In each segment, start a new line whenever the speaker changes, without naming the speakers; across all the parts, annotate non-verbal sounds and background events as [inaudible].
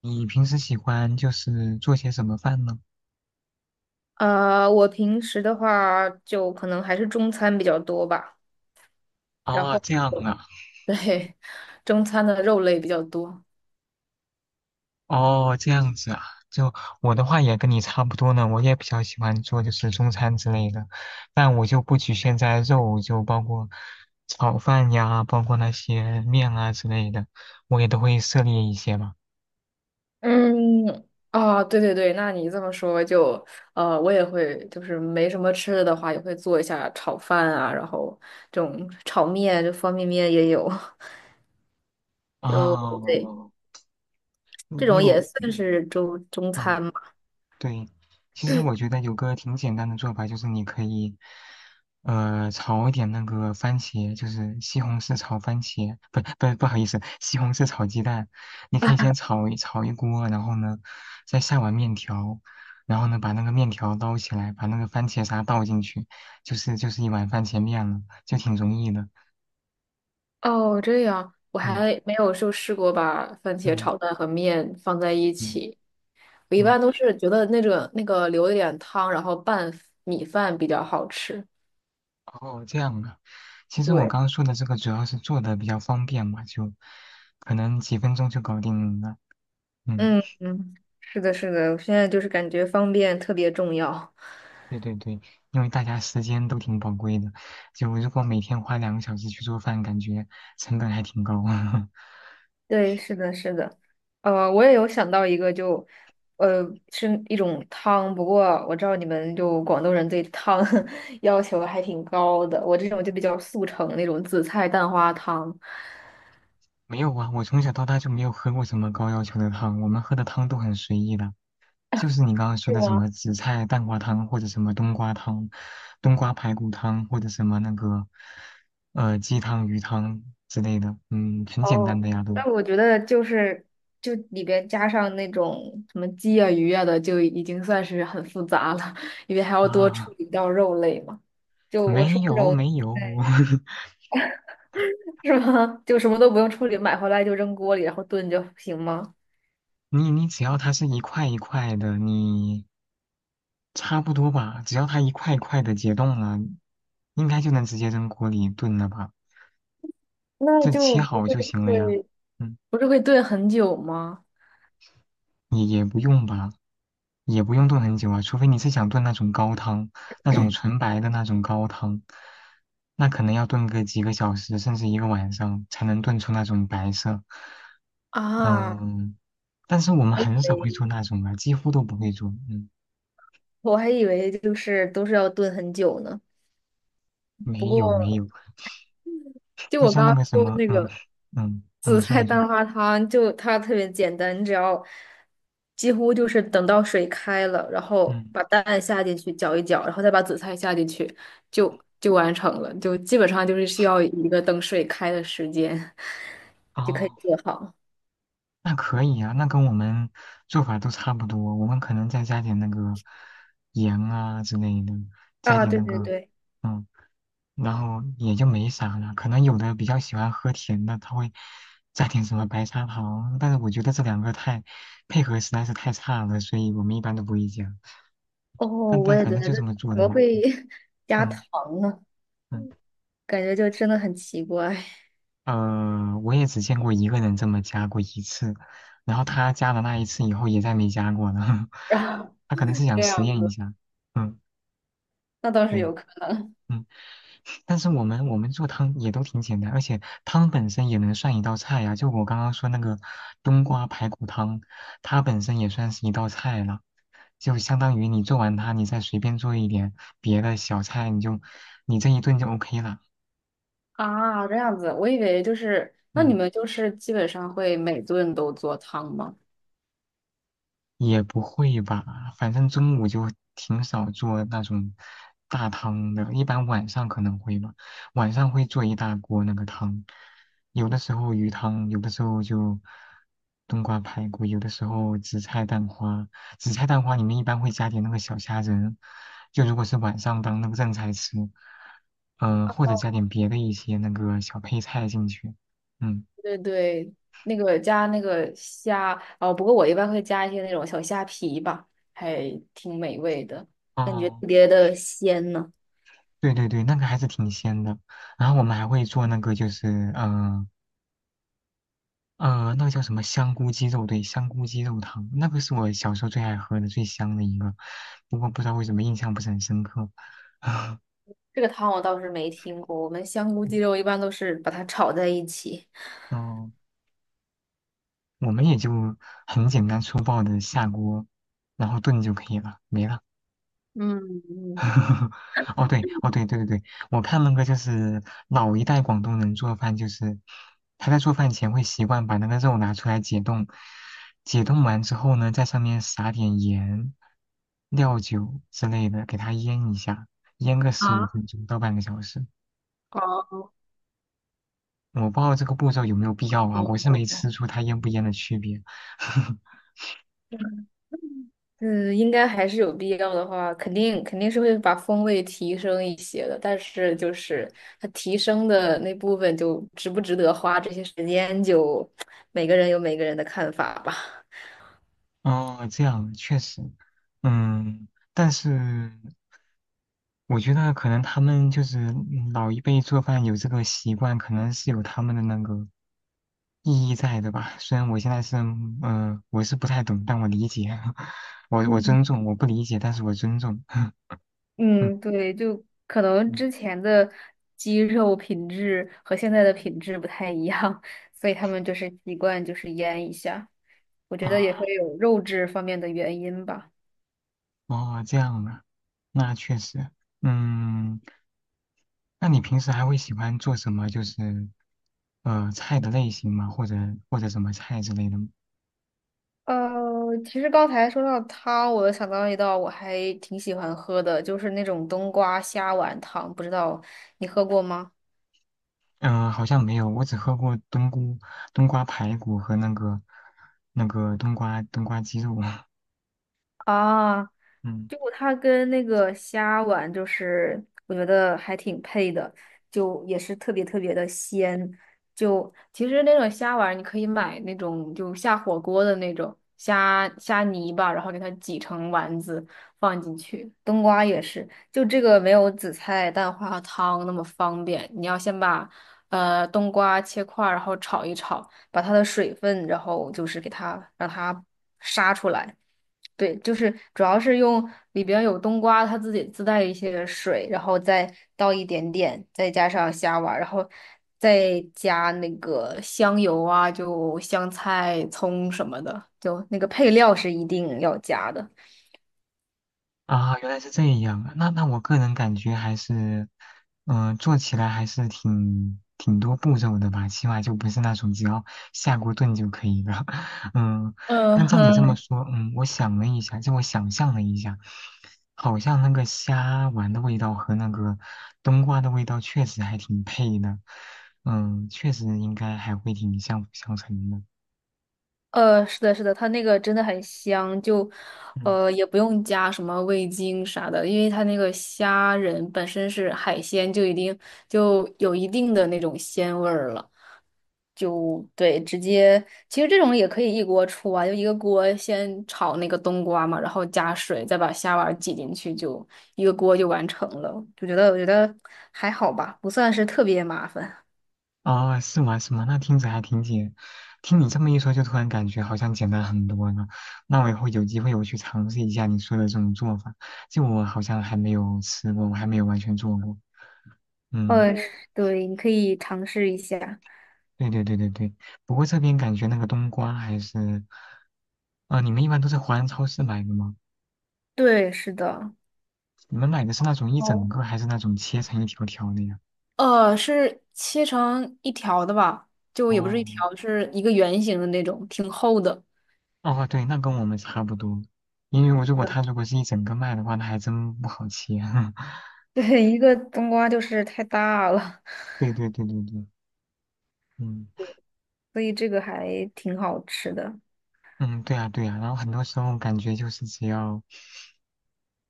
你平时喜欢就是做些什么饭呢？
我平时的话就可能还是中餐比较多吧，然
哦，
后
这样
[laughs]
啊，
对，中餐的肉类比较多。
哦，这样子啊，就我的话也跟你差不多呢，我也比较喜欢做就是中餐之类的，但我就不局限在肉，就包括炒饭呀，包括那些面啊之类的，我也都会涉猎一些嘛。
嗯，啊，对对对，那你这么说就，我也会，就是没什么吃的的话，也会做一下炒饭啊，然后这种炒面，就方便面也有，[laughs] 就对，
哦，
这
你
种
有，
也算是中中
哦，
餐嘛。
对，其实我觉得有个挺简单的做法，就是你可以，炒一点那个番茄，就是西红柿炒番茄，不不不好意思，西红柿炒鸡蛋。你可以先炒一锅，然后呢，再下碗面条，然后呢把那个面条捞起来，把那个番茄沙倒进去，就是一碗番茄面了，就挺容易的。
哦，这样，我
对，
还没有就试过把番茄
嗯
炒蛋和面放在一
嗯
起。我一
嗯。
般都是觉得那个留一点汤，然后拌米饭比较好吃。
哦，这样的。其实我
对，
刚刚说的这个主要是做的比较方便嘛，就可能几分钟就搞定了。嗯，
嗯嗯，是的，是的，我现在就是感觉方便特别重要。[laughs]
对对对，因为大家时间都挺宝贵的，就如果每天花2个小时去做饭，感觉成本还挺高。[laughs]
对，是的，是的，我也有想到一个就，呃，是一种汤，不过我知道你们就广东人对汤 [laughs] 要求还挺高的，我这种就比较速成那种紫菜蛋花汤。
没有啊，我从小到大就没有喝过什么高要求的汤，我们喝的汤都很随意的。就是你刚刚
是
说的什
吗？
么紫菜蛋花汤，或者什么冬瓜汤、冬瓜排骨汤，或者什么那个鸡汤、鱼汤之类的，嗯，很简
哦，
单的呀都
但我觉得就是就里边加上那种什么鸡啊、鱼啊的，就已经算是很复杂了，因为还要多处
啊，
理掉肉类嘛。就我
没
说那
有
种，
没有，
对，
[laughs]
是吗？[laughs] 就什么都不用处理，买回来就扔锅里，然后炖就行吗？
你只要它是一块一块的，你差不多吧，只要它一块一块的解冻了，应该就能直接扔锅里炖了吧，
那
就
就
切
不
好
是
就行了呀，
会
嗯。
炖很久吗？
也不用吧，也不用炖很久啊，除非你是想炖那种高汤，那种纯白的那种高汤，那可能要炖个几个小时，甚至一个晚上才能炖出那种白色。
啊，
嗯，但是我们
还以
很少会做
为
那种啊，几乎都不会做。嗯，
就是都是要炖很久呢。不
没有没
过
有，
就
就
我
像
刚
那个
刚
什
说
么，
那
嗯
个。
嗯，啊
紫
你说
菜
你说，
蛋花汤就它特别简单，你只要几乎就是等到水开了，然后
嗯，
把蛋下进去搅一搅，然后再把紫菜下进去，就完成了。就基本上就是需要一个等水开的时间 [laughs] 就可以
哦。
做好。
那可以啊，那跟我们做法都差不多，我们可能再加点那个盐啊之类的，加
啊，
点
对
那
对
个，
对，
然后也就没啥了。可能有的比较喜欢喝甜的，他会加点什么白砂糖，但是我觉得这两个太配合实在是太差了，所以我们一般都不会加。
哦，
但
我
但
也
反
觉
正
得
就
这
这
怎
么做的
么
嘛，
会 [laughs] 加
嗯
糖呢？
嗯，
感觉就真的很奇怪。[laughs]
呃，我也只见过一个人这么加过一次，然后他加了那一次以后也再没加过了，[laughs]
然后
他可能是想
这
实
样
验一
子，
下，嗯。
那倒是
对，
有。可能
嗯，但是我们做汤也都挺简单，而且汤本身也能算一道菜呀、就我刚刚说那个冬瓜排骨汤，它本身也算是一道菜了，就相当于你做完它，你再随便做一点别的小菜，你就你这一顿就 OK 了。
啊，这样子，我以为就是，那你
嗯。
们就是基本上会每顿都做汤吗？
也不会吧，反正中午就挺少做那种大汤的，一般晚上可能会吧，晚上会做一大锅那个汤，有的时候鱼汤，有的时候就冬瓜排骨，有的时候紫菜蛋花，紫菜蛋花里面一般会加点那个小虾仁，就如果是晚上当那个正菜吃，嗯、或者加点别的一些那个小配菜进去，嗯。
对对，那个加那个虾，哦，不过我一般会加一些那种小虾皮吧，还挺美味的，感觉
哦
特别的鲜呢。
对对对，那个还是挺鲜的。然后我们还会做那个，就是那个叫什么香菇鸡肉，对，香菇鸡肉汤，那个是我小时候最爱喝的、最香的一个。不过不知道为什么印象不是很深刻。[laughs] 啊，
这个汤我倒是没听过，我们香菇鸡肉一般都是把它炒在一起。
嗯，我们也就很简单粗暴的下锅，然后炖就可以了，没了。
嗯，嗯。
[laughs] 哦，对，哦，对，对对对，我看那个就是老一代广东人做饭，就是他在做饭前会习惯把那个肉拿出来解冻，解冻完之后呢，在上面撒点盐、料酒之类的，给它腌一下，腌个15分钟到半个小时。我不知道这个步骤有没有必要啊，我是没吃出它腌不腌的区别。[laughs]
嗯，应该还是有必要的话，肯定是会把风味提升一些的，但是就是它提升的那部分，就值不值得花这些时间，就每个人有每个人的看法吧。
哦，这样确实，嗯，但是。我觉得可能他们就是老一辈做饭有这个习惯，可能是有他们的那个意义在的吧。虽然我现在是，嗯、我是不太懂，但我理解，[laughs] 我
嗯
尊重，我不理解，但是我尊重。[laughs] 嗯
嗯，对，就可能
嗯
之前的鸡肉品质和现在的品质不太一样，所以他们就是习惯就是腌一下，我觉得也
啊，
会有肉质方面的原因吧。
哦，这样啊，那确实，嗯，那你平时还会喜欢做什么？就是，呃，菜的类型吗？或者或者什么菜之类的吗？
呃，其实刚才说到汤，我又想到一道我还挺喜欢喝的，就是那种冬瓜虾丸汤，不知道你喝过吗？
嗯、好像没有，我只喝过冬菇、冬瓜排骨和那个那个冬瓜鸡肉。[laughs]
啊，
嗯。
就它跟那个虾丸，就是我觉得还挺配的，就也是特别特别的鲜。就其实那种虾丸，你可以买那种就下火锅的那种虾泥吧，然后给它挤成丸子放进去。冬瓜也是，就这个没有紫菜蛋花汤那么方便，你要先把冬瓜切块儿，然后炒一炒，把它的水分，然后就是给它让它杀出来。对，就是主要是用里边有冬瓜，它自己自带一些水，然后再倒一点点，再加上虾丸儿，然后再加那个香油啊，就香菜、葱什么的，就那个配料是一定要加的。
啊，原来是这样啊！那那我个人感觉还是，嗯、做起来还是挺多步骤的吧，起码就不是那种只要下锅炖就可以了。[laughs] 嗯，
嗯
但照你这么
哼，
说，嗯，我想了一下，就我想象了一下，好像那个虾丸的味道和那个冬瓜的味道确实还挺配的，嗯，确实应该还会挺相辅相成的。
是的，是的，它那个真的很香，就
嗯
也不用加什么味精啥的，因为它那个虾仁本身是海鲜，就已经就有一定的那种鲜味儿了。就对，直接其实这种也可以一锅出啊，就一个锅先炒那个冬瓜嘛，然后加水，再把虾丸挤进去，就一个锅就完成了。就觉得我觉得还好吧，不算是特别麻烦。
哦，是吗？是吗？那听着还挺简，听你这么一说，就突然感觉好像简单很多了。那我以后有机会我去尝试一下你说的这种做法，就我好像还没有吃过，我还没有完全做过。
[laughs]
嗯，
嗯对，你可以尝试一下。
对对对对对。不过这边感觉那个冬瓜还是，啊、你们一般都在华人超市买的吗？
对，是的。
你们买的是那种一整
哦，
个，还是那种切成一条条的呀？
是切成一条的吧？就也不是一
哦，
条，是一个圆形的那种，挺厚的。
哦，对，那跟我们差不多。因为我如果他如果是一整个卖的话，那还真不好切。[laughs]
对，[laughs] 一个冬瓜就是太大了，
对对对对对，嗯
所以这个还挺好吃的。
嗯，对啊对啊，然后很多时候感觉就是只要，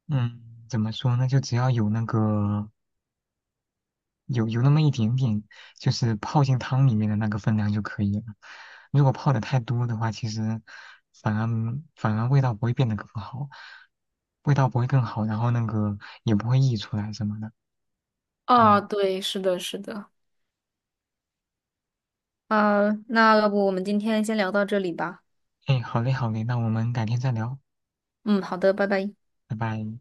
嗯，怎么说呢，就只要有那个有那么一点点，就是泡进汤里面的那个分量就可以了。如果泡的太多的话，其实反而反而味道不会变得更好，味道不会更好，然后那个也不会溢出来什么的。
啊，
嗯，
对，是的，是的。啊，那要不我们今天先聊到这里吧。
哎，好嘞好嘞，那我们改天再聊，
嗯，好的，拜拜。
拜拜。